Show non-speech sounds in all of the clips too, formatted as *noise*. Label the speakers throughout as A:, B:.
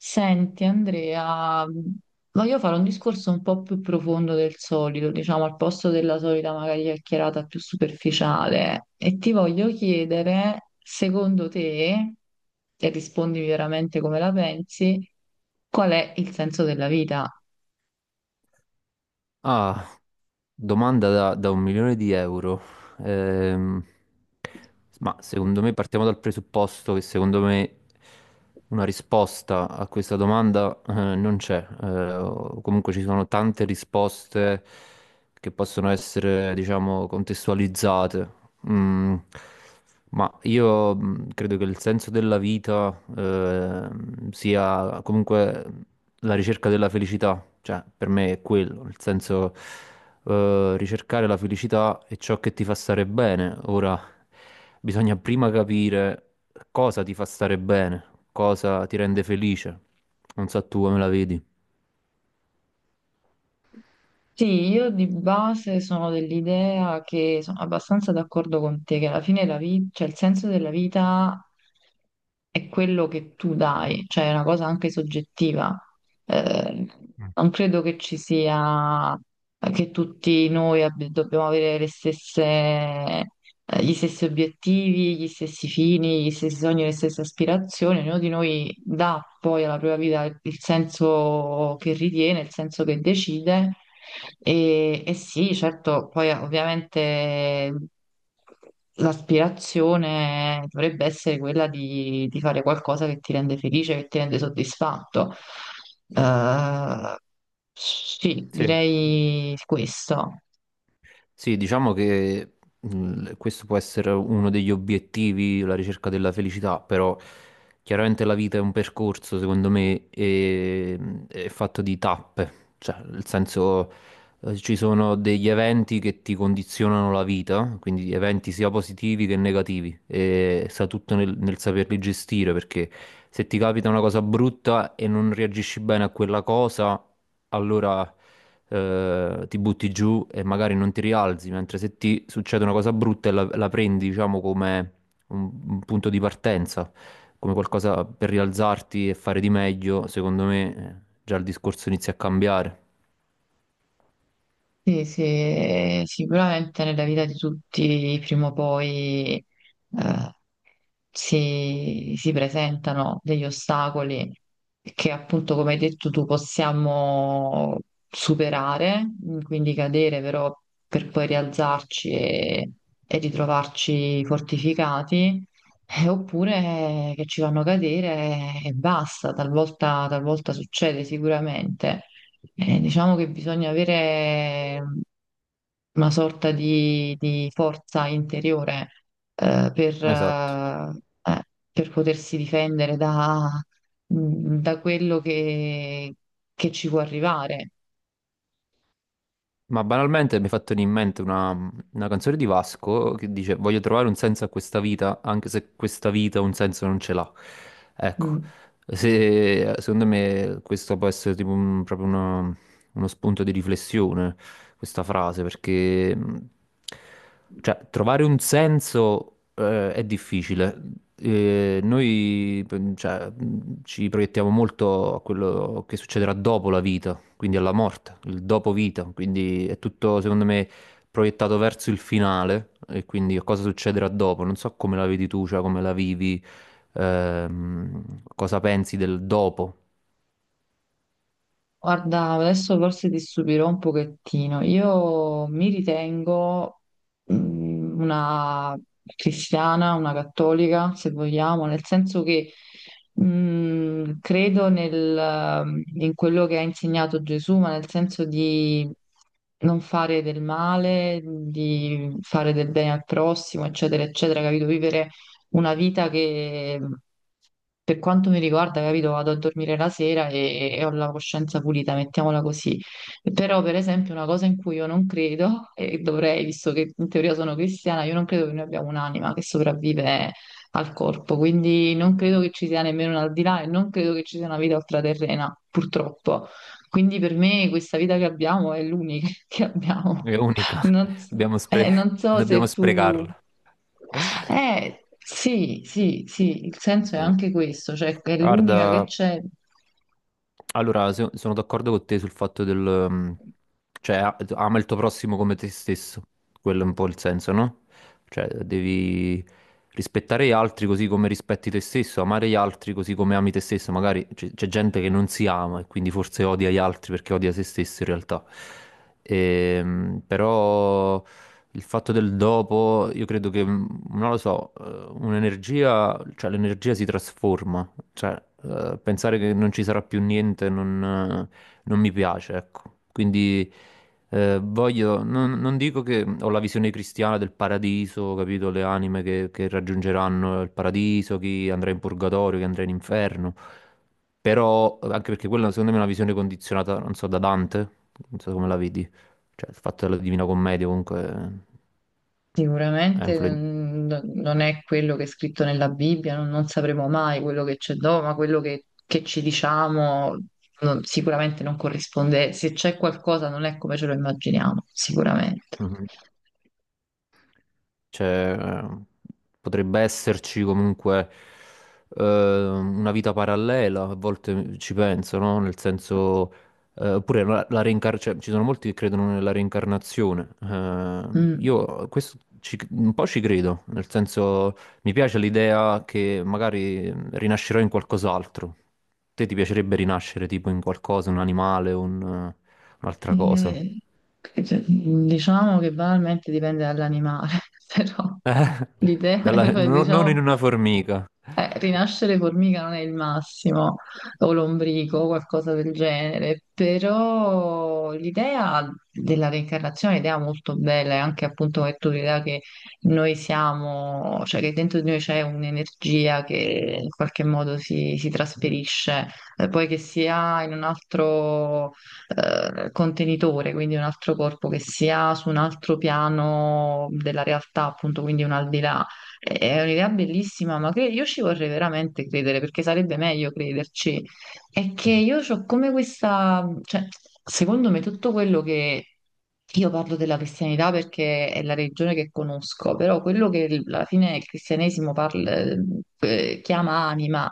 A: Senti Andrea, voglio fare un discorso un po' più profondo del solito, diciamo al posto della solita magari chiacchierata più superficiale e ti voglio chiedere, secondo te, e rispondimi veramente come la pensi, qual è il senso della vita?
B: Ah, domanda da 1 milione di euro. Ehm, ma secondo me partiamo dal presupposto che secondo me una risposta a questa domanda non c'è. O comunque ci sono tante risposte che possono essere, diciamo, contestualizzate. Mm, ma io credo che il senso della vita sia comunque la ricerca della felicità. Cioè, per me è quello, nel senso ricercare la felicità è ciò che ti fa stare bene. Ora, bisogna prima capire cosa ti fa stare bene, cosa ti rende felice. Non so tu come la vedi.
A: Sì, io di base sono dell'idea che sono abbastanza d'accordo con te, che alla fine la vita, cioè il senso della vita è quello che tu dai, cioè è una cosa anche soggettiva. Eh,
B: Mm.
A: Non credo che ci sia che tutti noi dobbiamo avere le stesse, gli stessi obiettivi, gli stessi fini, gli stessi sogni, le stesse aspirazioni. Ognuno di noi dà poi alla propria vita il senso che ritiene, il senso che decide. E sì, certo, poi ovviamente. L'aspirazione dovrebbe essere quella di fare qualcosa che ti rende felice, che ti rende soddisfatto. Eh, sì,
B: Sì.
A: direi questo.
B: Sì, diciamo che questo può essere uno degli obiettivi, la ricerca della felicità, però chiaramente la vita è un percorso, secondo me, è fatto di tappe, cioè nel senso ci sono degli eventi che ti condizionano la vita, quindi eventi sia positivi che negativi, e sta tutto nel saperli gestire, perché se ti capita una cosa brutta e non reagisci bene a quella cosa, allora ti butti giù e magari non ti rialzi, mentre se ti succede una cosa brutta e la prendi, diciamo, come un punto di partenza, come qualcosa per rialzarti e fare di meglio, secondo me già il discorso inizia a cambiare.
A: Sì, sì, sicuramente nella vita di tutti prima o poi eh, si presentano degli ostacoli che appunto, come hai detto tu, possiamo superare, quindi cadere però per poi rialzarci e ritrovarci fortificati, oppure che ci fanno cadere e basta, talvolta succede sicuramente. Diciamo che bisogna avere una sorta di forza interiore eh, per,
B: Esatto.
A: eh, eh, per potersi difendere da quello che ci può arrivare.
B: Ma banalmente mi è fatto venire in mente una canzone di Vasco che dice voglio trovare un senso a questa vita, anche se questa vita un senso non ce l'ha. Ecco,
A: Mm.
B: secondo me questo può essere uno spunto di riflessione, questa frase, perché cioè, trovare un senso è difficile, ci proiettiamo molto a quello che succederà dopo la vita, quindi alla morte, il dopo vita, quindi è tutto secondo me proiettato verso il finale e quindi a cosa succederà dopo. Non so come la vedi tu, cioè come la vivi, cosa pensi del dopo.
A: Guarda, adesso forse ti stupirò un pochettino. Io mi ritengo una cristiana, una cattolica, se vogliamo, nel senso che credo in quello che ha insegnato Gesù, ma nel senso di non fare del male, di fare del bene al prossimo, eccetera, eccetera, capito? Vivere una vita che per quanto mi riguarda, capito, vado a dormire la sera e ho la coscienza pulita, mettiamola così. Però, per esempio, una cosa in cui io non credo, e dovrei, visto che in teoria sono cristiana, io non credo che noi abbiamo un'anima che sopravvive al corpo, quindi non credo che ci sia nemmeno un al di là e non credo che ci sia una vita ultraterrena, purtroppo. Quindi per me questa vita che abbiamo è l'unica *laughs* che abbiamo.
B: È unica, *laughs*
A: Non, s-
B: dobbiamo,
A: Non so
B: dobbiamo
A: se tu...
B: sprecarla.
A: Sì, sì, sì, il senso è
B: Sì.
A: anche questo, cioè che è l'unica che
B: Guarda.
A: c'è,
B: Allora, sono d'accordo con te sul fatto del... cioè, ama il tuo prossimo come te stesso. Quello è un po' il senso, no? Cioè, devi rispettare gli altri così come rispetti te stesso, amare gli altri così come ami te stesso. Magari c'è gente che non si ama e quindi forse odia gli altri perché odia se stesso in realtà. Però il fatto del dopo, io credo che, non lo so, un'energia, cioè l'energia si trasforma. Cioè, pensare che non ci sarà più niente non mi piace, ecco. Quindi voglio, non, non dico che ho la visione cristiana del paradiso, capito? Le anime che raggiungeranno il paradiso, chi andrà in purgatorio, chi andrà in inferno. Però, anche perché quella secondo me è una visione condizionata, non so, da Dante, non so come la vedi. Cioè, il fatto della Divina Commedia comunque ha
A: sicuramente
B: influenzato.
A: non è quello che è scritto nella Bibbia, non sapremo mai quello che c'è dopo, ma quello che ci diciamo sicuramente non corrisponde, se c'è qualcosa non è come ce lo immaginiamo, sicuramente.
B: Cioè, potrebbe esserci comunque una vita parallela, a volte ci penso, no? Nel senso, oppure ci sono molti che credono nella reincarnazione.
A: Mm.
B: Io questo un po' ci credo, nel senso, mi piace l'idea che magari rinascerò in qualcos'altro. Te ti piacerebbe rinascere tipo in qualcosa, un animale, un'altra cosa?
A: Eh, cioè, diciamo che banalmente dipende dall'animale, *laughs* però
B: *laughs*
A: l'idea, *laughs*
B: Non in
A: diciamo.
B: una formica.
A: Rinascere formica non è il massimo, o lombrico, o qualcosa del genere, però l'idea della reincarnazione è un'idea molto bella, e anche appunto è tu l'idea che noi siamo, cioè che dentro di noi c'è un'energia che in qualche modo si trasferisce, poi che sia in un altro contenitore, quindi un altro corpo, che sia su un altro piano della realtà, appunto, quindi un al di là è un'idea bellissima, ma io ci vorrei veramente credere perché sarebbe meglio crederci. È che io ho come questa, cioè, secondo me tutto quello che io parlo della cristianità perché è la religione che conosco, però quello che alla fine il cristianesimo parla, chiama anima,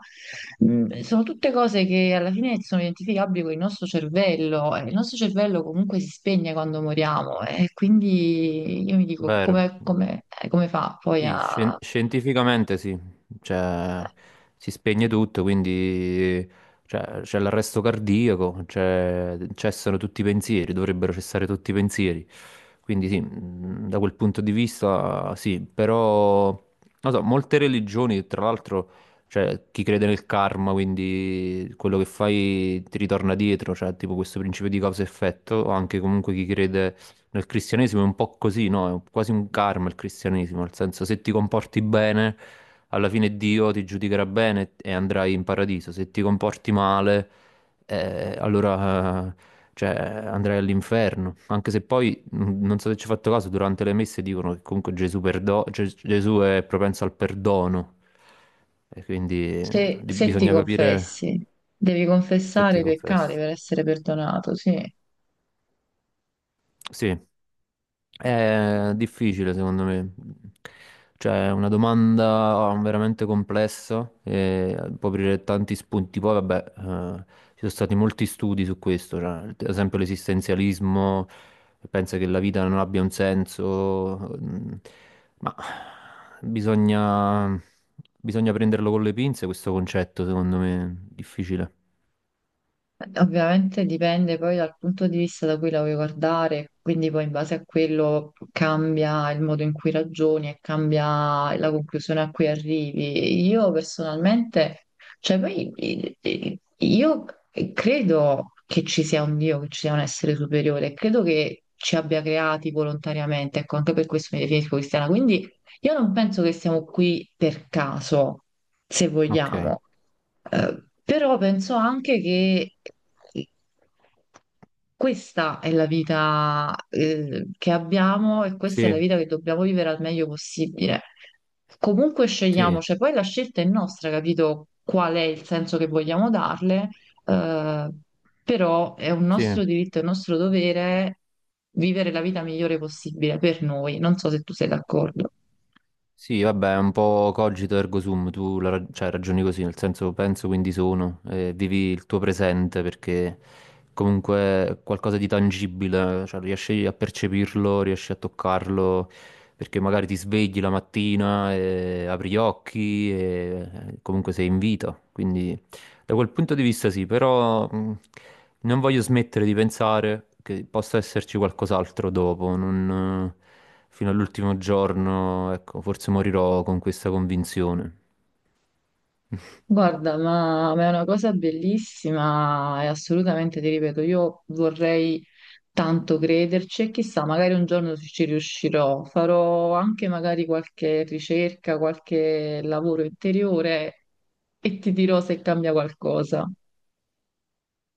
A: sono tutte cose che alla fine sono identificabili con il nostro cervello. E il nostro cervello comunque si spegne quando moriamo, e quindi io mi dico
B: Vero,
A: come fa poi
B: sì,
A: a
B: scientificamente sì, cioè si spegne tutto, quindi cioè, c'è l'arresto cardiaco, cessano tutti i pensieri, dovrebbero cessare tutti i pensieri, quindi sì, da quel punto di vista sì, però non so, molte religioni, tra l'altro, cioè chi crede nel karma, quindi quello che fai ti ritorna dietro, cioè tipo questo principio di causa-effetto, o anche comunque chi crede nel cristianesimo è un po' così, no? È quasi un karma il cristianesimo, nel senso se ti comporti bene, alla fine Dio ti giudicherà bene e andrai in paradiso. Se ti comporti male, eh, allora, eh, cioè, andrai all'inferno. Anche se poi, non so se ci hai fatto caso, durante le messe dicono che comunque Gesù è propenso al perdono. E quindi
A: Se, se ti
B: bisogna capire
A: confessi, devi
B: se
A: confessare
B: ti
A: i peccati
B: confessi.
A: per essere perdonato, sì.
B: Sì. È difficile secondo me, cioè è una domanda veramente complessa e può aprire tanti spunti. Poi vabbè, ci sono stati molti studi su questo, cioè, ad esempio l'esistenzialismo pensa che la vita non abbia un senso, ma bisogna, bisogna prenderlo con le pinze questo concetto secondo me, difficile.
A: Ovviamente dipende poi dal punto di vista da cui la vuoi guardare, quindi poi in base a quello cambia il modo in cui ragioni e cambia la conclusione a cui arrivi. Io personalmente, cioè poi io credo che ci sia un Dio, che ci sia un essere superiore, credo che ci abbia creati volontariamente, ecco, anche per questo mi definisco cristiana, quindi io non penso che siamo qui per caso, se
B: Ok,
A: vogliamo. Però penso anche che questa è la vita, che abbiamo e questa è
B: sì,
A: la vita che dobbiamo vivere al meglio possibile. Comunque
B: sì,
A: scegliamo, cioè poi la scelta è nostra, capito qual è il senso che vogliamo darle, eh, però è un
B: sì.
A: nostro diritto, è un nostro dovere vivere la vita migliore possibile per noi. Non so se tu sei d'accordo.
B: Sì, vabbè, è un po' cogito ergo sum, tu cioè, ragioni così, nel senso penso quindi sono, vivi il tuo presente perché comunque è qualcosa di tangibile, cioè riesci a percepirlo, riesci a toccarlo, perché magari ti svegli la mattina, e apri gli occhi e comunque sei in vita, quindi da quel punto di vista sì, però non voglio smettere di pensare che possa esserci qualcos'altro dopo, non fino all'ultimo giorno, ecco, forse morirò con questa convinzione.
A: Guarda, ma è una cosa bellissima e assolutamente ti ripeto, io vorrei tanto crederci e chissà, magari un giorno ci riuscirò. Farò anche magari qualche ricerca, qualche lavoro interiore e ti dirò se cambia qualcosa.